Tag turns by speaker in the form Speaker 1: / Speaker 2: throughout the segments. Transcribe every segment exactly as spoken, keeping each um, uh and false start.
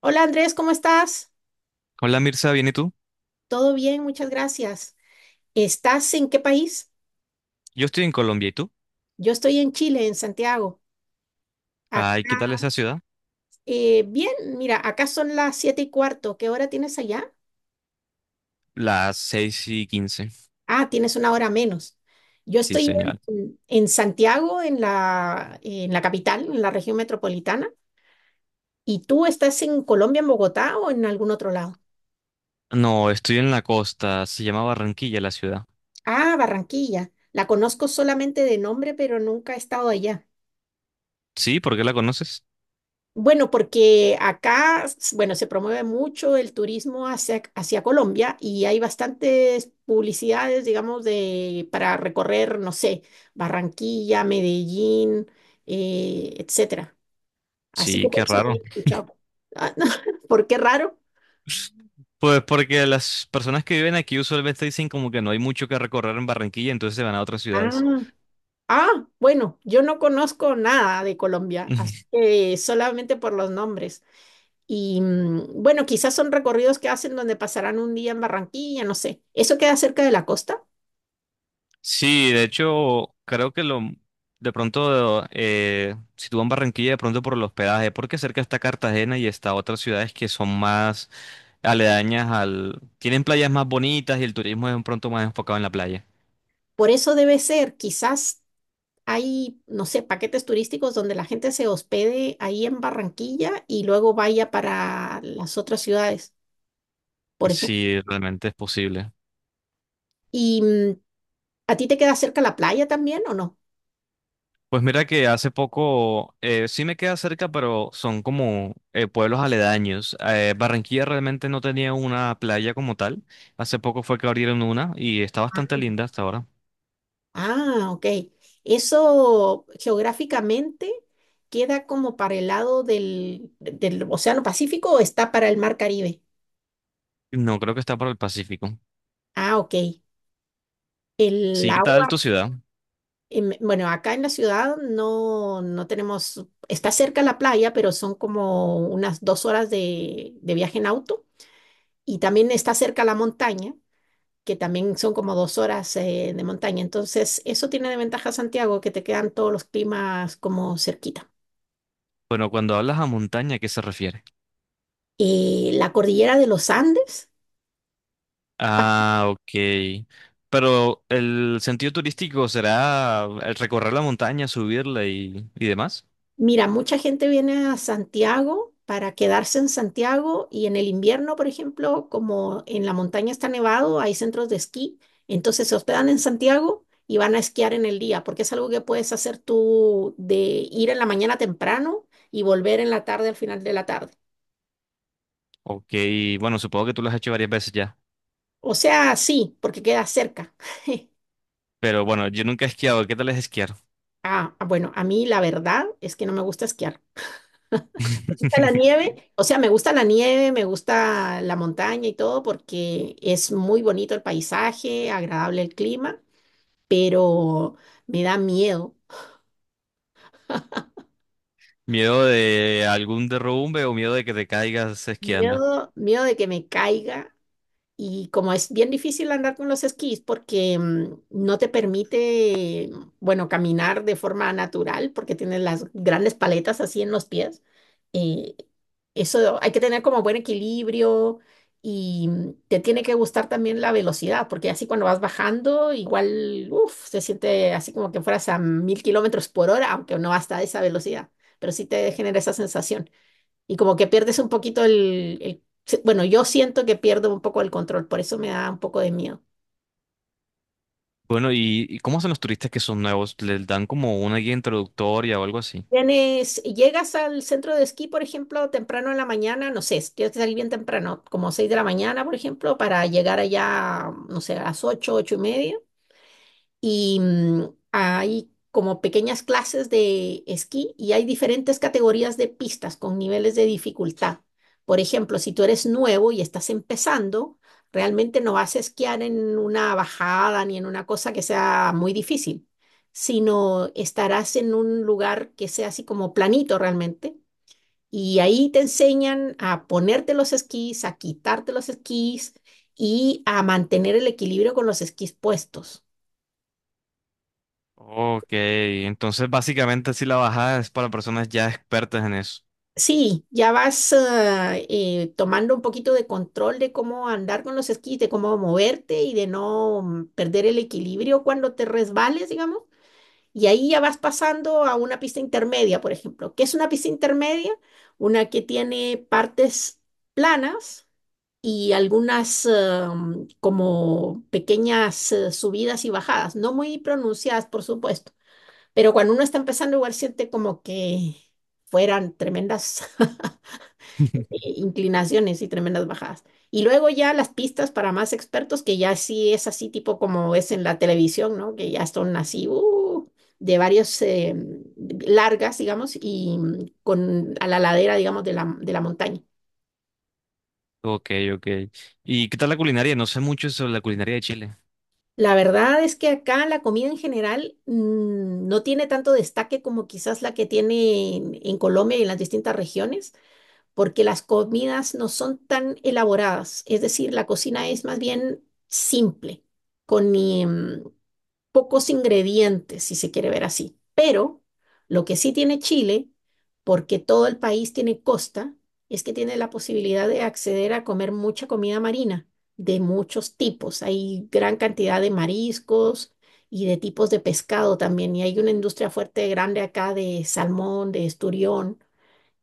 Speaker 1: Hola Andrés, ¿cómo estás?
Speaker 2: Hola Mirza, ¿bien y tú?
Speaker 1: Todo bien, muchas gracias. ¿Estás en qué país?
Speaker 2: Yo estoy en Colombia, ¿y tú?
Speaker 1: Yo estoy en Chile, en Santiago.
Speaker 2: Ay, ¿qué tal
Speaker 1: Acá,
Speaker 2: esa ciudad?
Speaker 1: eh, bien. Mira, acá son las siete y cuarto. ¿Qué hora tienes allá?
Speaker 2: Las seis y quince.
Speaker 1: Ah, tienes una hora menos. Yo
Speaker 2: Sí,
Speaker 1: estoy
Speaker 2: señor.
Speaker 1: en, en Santiago, en la, en la capital, en la región metropolitana. ¿Y tú estás en Colombia, en Bogotá o en algún otro lado?
Speaker 2: No, estoy en la costa, se llama Barranquilla la ciudad.
Speaker 1: Ah, Barranquilla. La conozco solamente de nombre, pero nunca he estado allá.
Speaker 2: Sí, ¿por qué la conoces?
Speaker 1: Bueno, porque acá, s- bueno, se promueve mucho el turismo hacia, hacia Colombia y hay bastantes publicidades, digamos, de, para recorrer, no sé, Barranquilla, Medellín, eh, etcétera. Así que
Speaker 2: Sí,
Speaker 1: por
Speaker 2: qué
Speaker 1: eso te
Speaker 2: raro.
Speaker 1: había escuchado. Ah, ¿por qué raro?
Speaker 2: Pues porque las personas que viven aquí usualmente dicen como que no hay mucho que recorrer en Barranquilla, entonces se van a otras ciudades.
Speaker 1: Ah, ah, bueno, yo no conozco nada de Colombia, así que solamente por los nombres. Y mm, bueno, quizás son recorridos que hacen donde pasarán un día en Barranquilla, no sé. ¿Eso queda cerca de la costa?
Speaker 2: Sí, de hecho, creo que lo de pronto, eh, si tú vas a Barranquilla, de pronto por el hospedaje, porque cerca está Cartagena y está otras ciudades que son más aledañas al tienen playas más bonitas y el turismo es de pronto más enfocado en la playa.
Speaker 1: Por eso debe ser. Quizás hay, no sé, paquetes turísticos donde la gente se hospede ahí en Barranquilla y luego vaya para las otras ciudades, por ejemplo.
Speaker 2: Sí, realmente es posible.
Speaker 1: ¿Y mm, a ti te queda cerca la playa también o no?
Speaker 2: Pues mira que hace poco, eh, sí me queda cerca, pero son como eh, pueblos aledaños. Eh, Barranquilla realmente no tenía una playa como tal. Hace poco fue que abrieron una y está
Speaker 1: Ah,
Speaker 2: bastante linda hasta ahora.
Speaker 1: Ah, ok. Eso geográficamente queda como para el lado del, del Océano Pacífico, o está para el Mar Caribe.
Speaker 2: No creo que está para el Pacífico.
Speaker 1: Ah, ok. El
Speaker 2: Sí, ¿qué tal
Speaker 1: agua.
Speaker 2: tu ciudad?
Speaker 1: Em, Bueno, acá en la ciudad no, no tenemos, está cerca la playa, pero son como unas dos horas de, de viaje en auto, y también está cerca la montaña, que también son como dos horas eh, de montaña. Entonces, eso tiene de ventaja Santiago, que te quedan todos los climas como cerquita.
Speaker 2: Bueno, cuando hablas a montaña, ¿a qué se refiere?
Speaker 1: Eh, la cordillera de los Andes.
Speaker 2: Ah, ok. Pero el sentido turístico será el recorrer la montaña, subirla y, y demás.
Speaker 1: Mira, mucha gente viene a Santiago para quedarse en Santiago, y en el invierno, por ejemplo, como en la montaña está nevado, hay centros de esquí, entonces se hospedan en Santiago y van a esquiar en el día, porque es algo que puedes hacer tú de ir en la mañana temprano y volver en la tarde, al final de la tarde.
Speaker 2: Ok, bueno, supongo que tú lo has hecho varias veces ya.
Speaker 1: O sea, sí, porque queda cerca.
Speaker 2: Pero bueno, yo nunca he esquiado. ¿Qué tal es esquiar?
Speaker 1: Ah, bueno, a mí la verdad es que no me gusta esquiar. Gusta la nieve, o sea, me gusta la nieve, me gusta la montaña y todo, porque es muy bonito el paisaje, agradable el clima, pero me da miedo,
Speaker 2: ¿Miedo de algún derrumbe o miedo de que te caigas esquiando?
Speaker 1: miedo, miedo de que me caiga. Y como es bien difícil andar con los esquís, porque mm, no te permite, bueno, caminar de forma natural porque tienes las grandes paletas así en los pies, eh, eso hay que tener como buen equilibrio, y mm, te tiene que gustar también la velocidad, porque así cuando vas bajando igual, uf, se siente así como que fueras a mil kilómetros por hora, aunque no hasta esa velocidad, pero sí te genera esa sensación. Y como que pierdes un poquito el, el- se- bueno, yo siento que pierdo un poco el control, por eso me da un poco de miedo.
Speaker 2: Bueno, ¿y, y cómo hacen los turistas que son nuevos? ¿Les dan como una guía introductoria o algo así?
Speaker 1: Tienes, llegas al centro de esquí, por ejemplo, temprano en la mañana, no sé, tienes que salir bien temprano, como seis de la mañana, por ejemplo, para llegar allá, no sé, a las ocho, ocho y media. Y mm, hay como pequeñas clases de esquí, y hay diferentes categorías de pistas con niveles de dificultad. Por ejemplo, si tú eres nuevo y estás empezando, realmente no vas a esquiar en una bajada ni en una cosa que sea muy difícil, sino estarás en un lugar que sea así como planito realmente. Y ahí te enseñan a ponerte los esquís, a quitarte los esquís y a mantener el equilibrio con los esquís puestos.
Speaker 2: Ok, entonces básicamente sí la bajada es para personas ya expertas en eso.
Speaker 1: Sí, ya vas ah, eh, tomando un poquito de control de cómo andar con los esquís, de cómo moverte y de no mm, perder el equilibrio cuando te resbales, digamos. Y ahí ya vas pasando a una pista intermedia, por ejemplo. ¿Qué es una pista intermedia? Una que tiene partes planas y algunas ah, mm, como pequeñas eh, subidas y bajadas, no muy pronunciadas, por supuesto. Pero cuando uno está empezando, igual siente como que fueran tremendas. eh, Inclinaciones y tremendas bajadas. Y luego ya las pistas para más expertos, que ya sí es así tipo como es en la televisión, ¿no? Que ya son así uh, de varios eh, largas, digamos, y mm, con a la ladera, digamos, de la, de la montaña.
Speaker 2: Ok, ok. ¿Y qué tal la culinaria? No sé mucho sobre la culinaria de Chile.
Speaker 1: La verdad es que acá la comida en general mm, no tiene tanto destaque como quizás la que tiene en, en Colombia y en las distintas regiones, porque las comidas no son tan elaboradas, es decir, la cocina es más bien simple, con em, pocos ingredientes, si se quiere ver así. Pero lo que sí tiene Chile, porque todo el país tiene costa, es que tiene la posibilidad de acceder a comer mucha comida marina de muchos tipos. Hay gran cantidad de mariscos y de tipos de pescado también, y hay una industria fuerte grande acá de salmón, de esturión,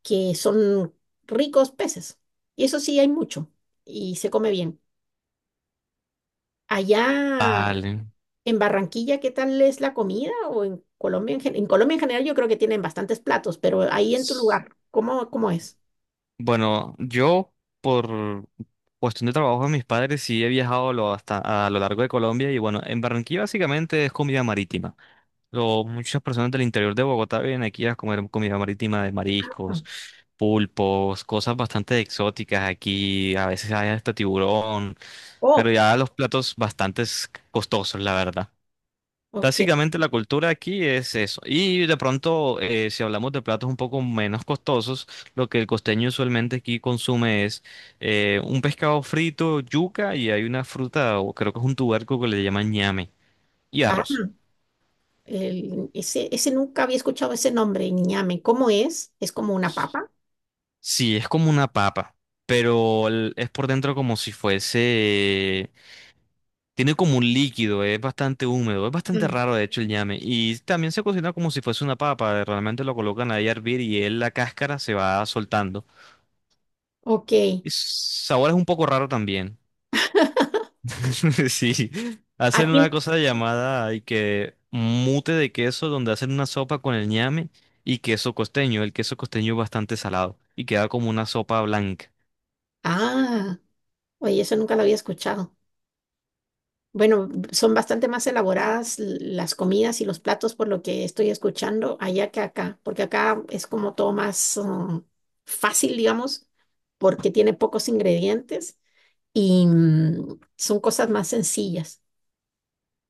Speaker 1: que son ricos peces. Y eso sí hay mucho y se come bien. Allá
Speaker 2: Vale.
Speaker 1: en Barranquilla, ¿qué tal es la comida? O en Colombia en, gen- en Colombia en general, yo creo que tienen bastantes platos, pero ahí en tu
Speaker 2: S-
Speaker 1: lugar, ¿cómo, cómo es?
Speaker 2: Bueno, yo por cuestión de trabajo de mis padres sí he viajado lo- hasta a lo largo de Colombia y bueno, en Barranquilla básicamente es comida marítima. Lo- muchas personas del interior de Bogotá vienen aquí a comer comida marítima de
Speaker 1: Ah,
Speaker 2: mariscos, pulpos, cosas bastante exóticas aquí. A veces hay hasta tiburón. Pero
Speaker 1: Oh,
Speaker 2: ya los platos bastante costosos, la verdad.
Speaker 1: ok.
Speaker 2: Básicamente la cultura aquí es eso. Y de pronto, eh, si hablamos de platos un poco menos costosos, lo que el costeño usualmente aquí consume es eh, un pescado frito, yuca y hay una fruta, o creo que es un tubérculo que le llaman ñame, y
Speaker 1: Ah,
Speaker 2: arroz.
Speaker 1: el- ese, ese nunca había escuchado ese nombre, ñame. ¿Cómo es? ¿Es como una papa?
Speaker 2: Sí, es como una papa, pero el- es por dentro como si fuese tiene como un líquido, es bastante húmedo, es bastante
Speaker 1: Mm.
Speaker 2: raro de hecho el ñame. Y también se cocina como si fuese una papa, eh, realmente lo colocan ahí a hervir y él la cáscara se va soltando.
Speaker 1: Ok.
Speaker 2: Y su sabor es un poco raro también. Sí,
Speaker 1: ¿A
Speaker 2: hacen
Speaker 1: ti?
Speaker 2: una cosa llamada y que mute de queso donde hacen una sopa con el ñame y queso costeño. El queso costeño es bastante salado y queda como una sopa blanca.
Speaker 1: Ah, oye, eso nunca lo había escuchado. Bueno, son bastante más elaboradas l- las comidas y los platos por lo que estoy escuchando allá que acá, porque acá es como todo más um, fácil, digamos, porque tiene pocos ingredientes y mm, son cosas más sencillas.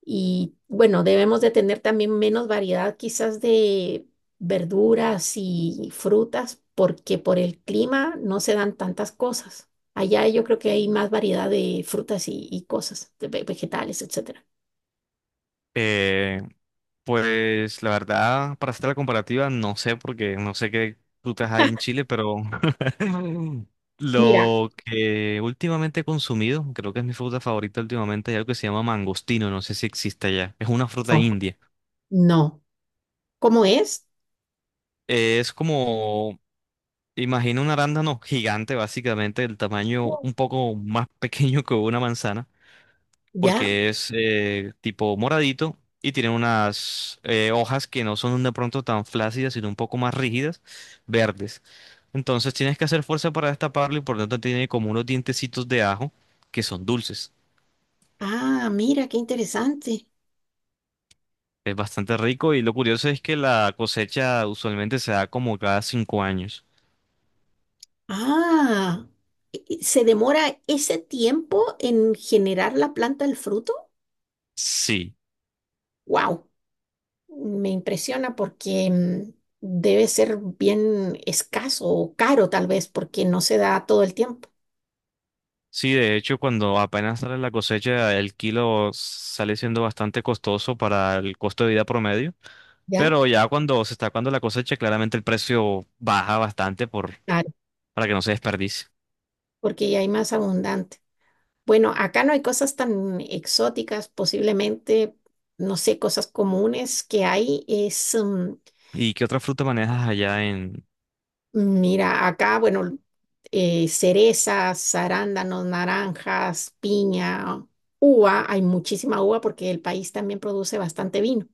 Speaker 1: Y bueno, debemos de tener también menos variedad quizás de verduras y frutas, porque por el clima no se dan tantas cosas. Allá yo creo que hay más variedad de frutas y, y cosas, de ve- vegetales, etcétera.
Speaker 2: Eh, pues la verdad, para hacer la comparativa, no sé porque no sé qué frutas hay en Chile, pero
Speaker 1: Mira,
Speaker 2: lo que últimamente he consumido, creo que es mi fruta favorita últimamente, es algo que se llama mangostino, no sé si existe allá. Es una fruta
Speaker 1: no,
Speaker 2: india.
Speaker 1: no. ¿Cómo es?
Speaker 2: Es como, imagina un arándano gigante, básicamente, del tamaño
Speaker 1: No.
Speaker 2: un poco más pequeño que una manzana,
Speaker 1: ¿Ya?
Speaker 2: porque es eh, tipo moradito y tiene unas eh, hojas que no son de pronto tan flácidas, sino un poco más rígidas, verdes. Entonces tienes que hacer fuerza para destaparlo y por lo tanto tiene como unos dientecitos de ajo que son dulces.
Speaker 1: Ah, mira, qué interesante.
Speaker 2: Es bastante rico y lo curioso es que la cosecha usualmente se da como cada cinco años.
Speaker 1: Ah, ¿y- y ¿se demora ese tiempo en generar la planta del fruto?
Speaker 2: Sí,
Speaker 1: Wow, me impresiona, porque mm, debe ser bien escaso o caro tal vez, porque no se da todo el tiempo,
Speaker 2: sí, de hecho cuando apenas sale la cosecha el kilo sale siendo bastante costoso para el costo de vida promedio,
Speaker 1: ¿ya?
Speaker 2: pero ya cuando se está acabando la cosecha claramente el precio baja bastante por,
Speaker 1: Claro,
Speaker 2: para que no se desperdicie.
Speaker 1: porque ya hay más abundante. Bueno, acá no hay cosas tan exóticas, posiblemente, no sé. Cosas comunes que hay es... mm,
Speaker 2: ¿Y qué otra fruta manejas allá en
Speaker 1: Mira, acá, bueno, eh, cerezas, arándanos, naranjas, piña, uva, hay muchísima uva porque el país también produce bastante vino.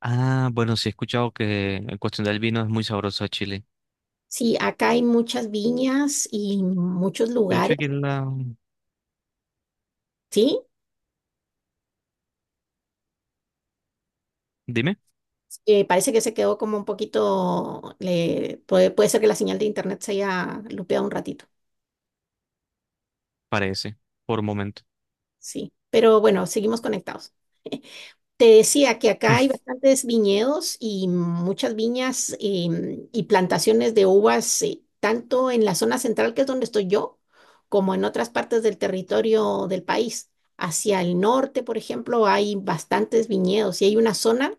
Speaker 2: Ah, bueno, sí he escuchado que en cuestión del vino es muy sabroso a Chile.
Speaker 1: Sí, acá hay muchas viñas y muchos
Speaker 2: De hecho
Speaker 1: lugares,
Speaker 2: aquí en la
Speaker 1: ¿sí?
Speaker 2: Dime,
Speaker 1: Eh, parece que se quedó como un poquito, le- puede, puede, ser que la señal de internet se haya lupeado un ratito,
Speaker 2: parece, por un momento.
Speaker 1: sí. Pero bueno, seguimos conectados. Te decía que acá hay bastantes viñedos y muchas viñas, em, y plantaciones de uvas, eh, tanto en la zona central, que es donde estoy yo, como en otras partes del territorio del país. Hacia el norte, por ejemplo, hay bastantes viñedos, y hay una zona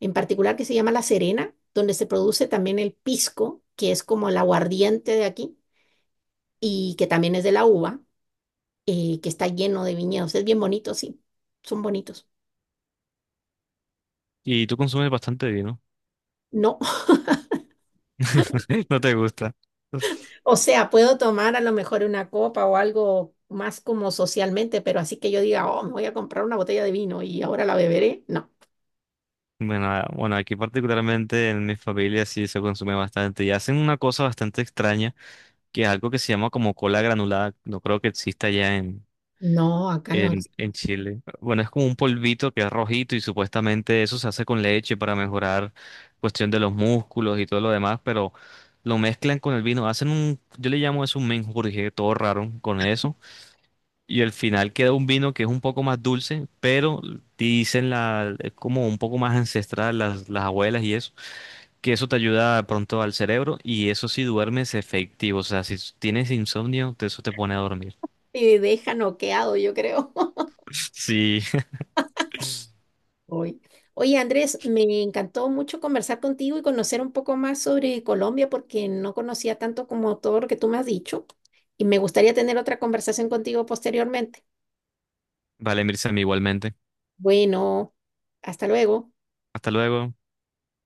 Speaker 1: en particular que se llama La Serena, donde se produce también el pisco, que es como el aguardiente de aquí y que también es de la uva, eh, que está lleno de viñedos. Es bien bonito, sí, son bonitos.
Speaker 2: Y tú consumes bastante vino.
Speaker 1: No,
Speaker 2: No te gusta.
Speaker 1: o sea, puedo tomar a lo mejor una copa o algo más como socialmente, pero así que yo diga, oh, me voy a comprar una botella de vino y ahora la beberé, no.
Speaker 2: Bueno, ah, bueno, aquí particularmente en mi familia sí se consume bastante y hacen una cosa bastante extraña, que es algo que se llama como cola granulada, no creo que exista ya en,
Speaker 1: No, acá no.
Speaker 2: en, en Chile. Bueno, es como un polvito que es rojito y supuestamente eso se hace con leche para mejorar cuestión de los músculos y todo lo demás, pero lo mezclan con el vino, hacen un, yo le llamo eso un menjurje, todo raro con eso. Y al final queda un vino que es un poco más dulce, pero dicen la, es como un poco más ancestral, las, las abuelas y eso, que eso te ayuda de pronto al cerebro y eso si duermes efectivo, o sea, si tienes insomnio, te- eso te pone a dormir.
Speaker 1: Te deja noqueado, yo creo.
Speaker 2: Sí,
Speaker 1: Hoy. Oye, Andrés, me encantó mucho conversar contigo y conocer un poco más sobre Colombia, porque no conocía tanto como todo lo que tú me has dicho, y me gustaría tener otra conversación contigo posteriormente.
Speaker 2: vale, Mirza, igualmente.
Speaker 1: Bueno, hasta luego.
Speaker 2: Hasta luego.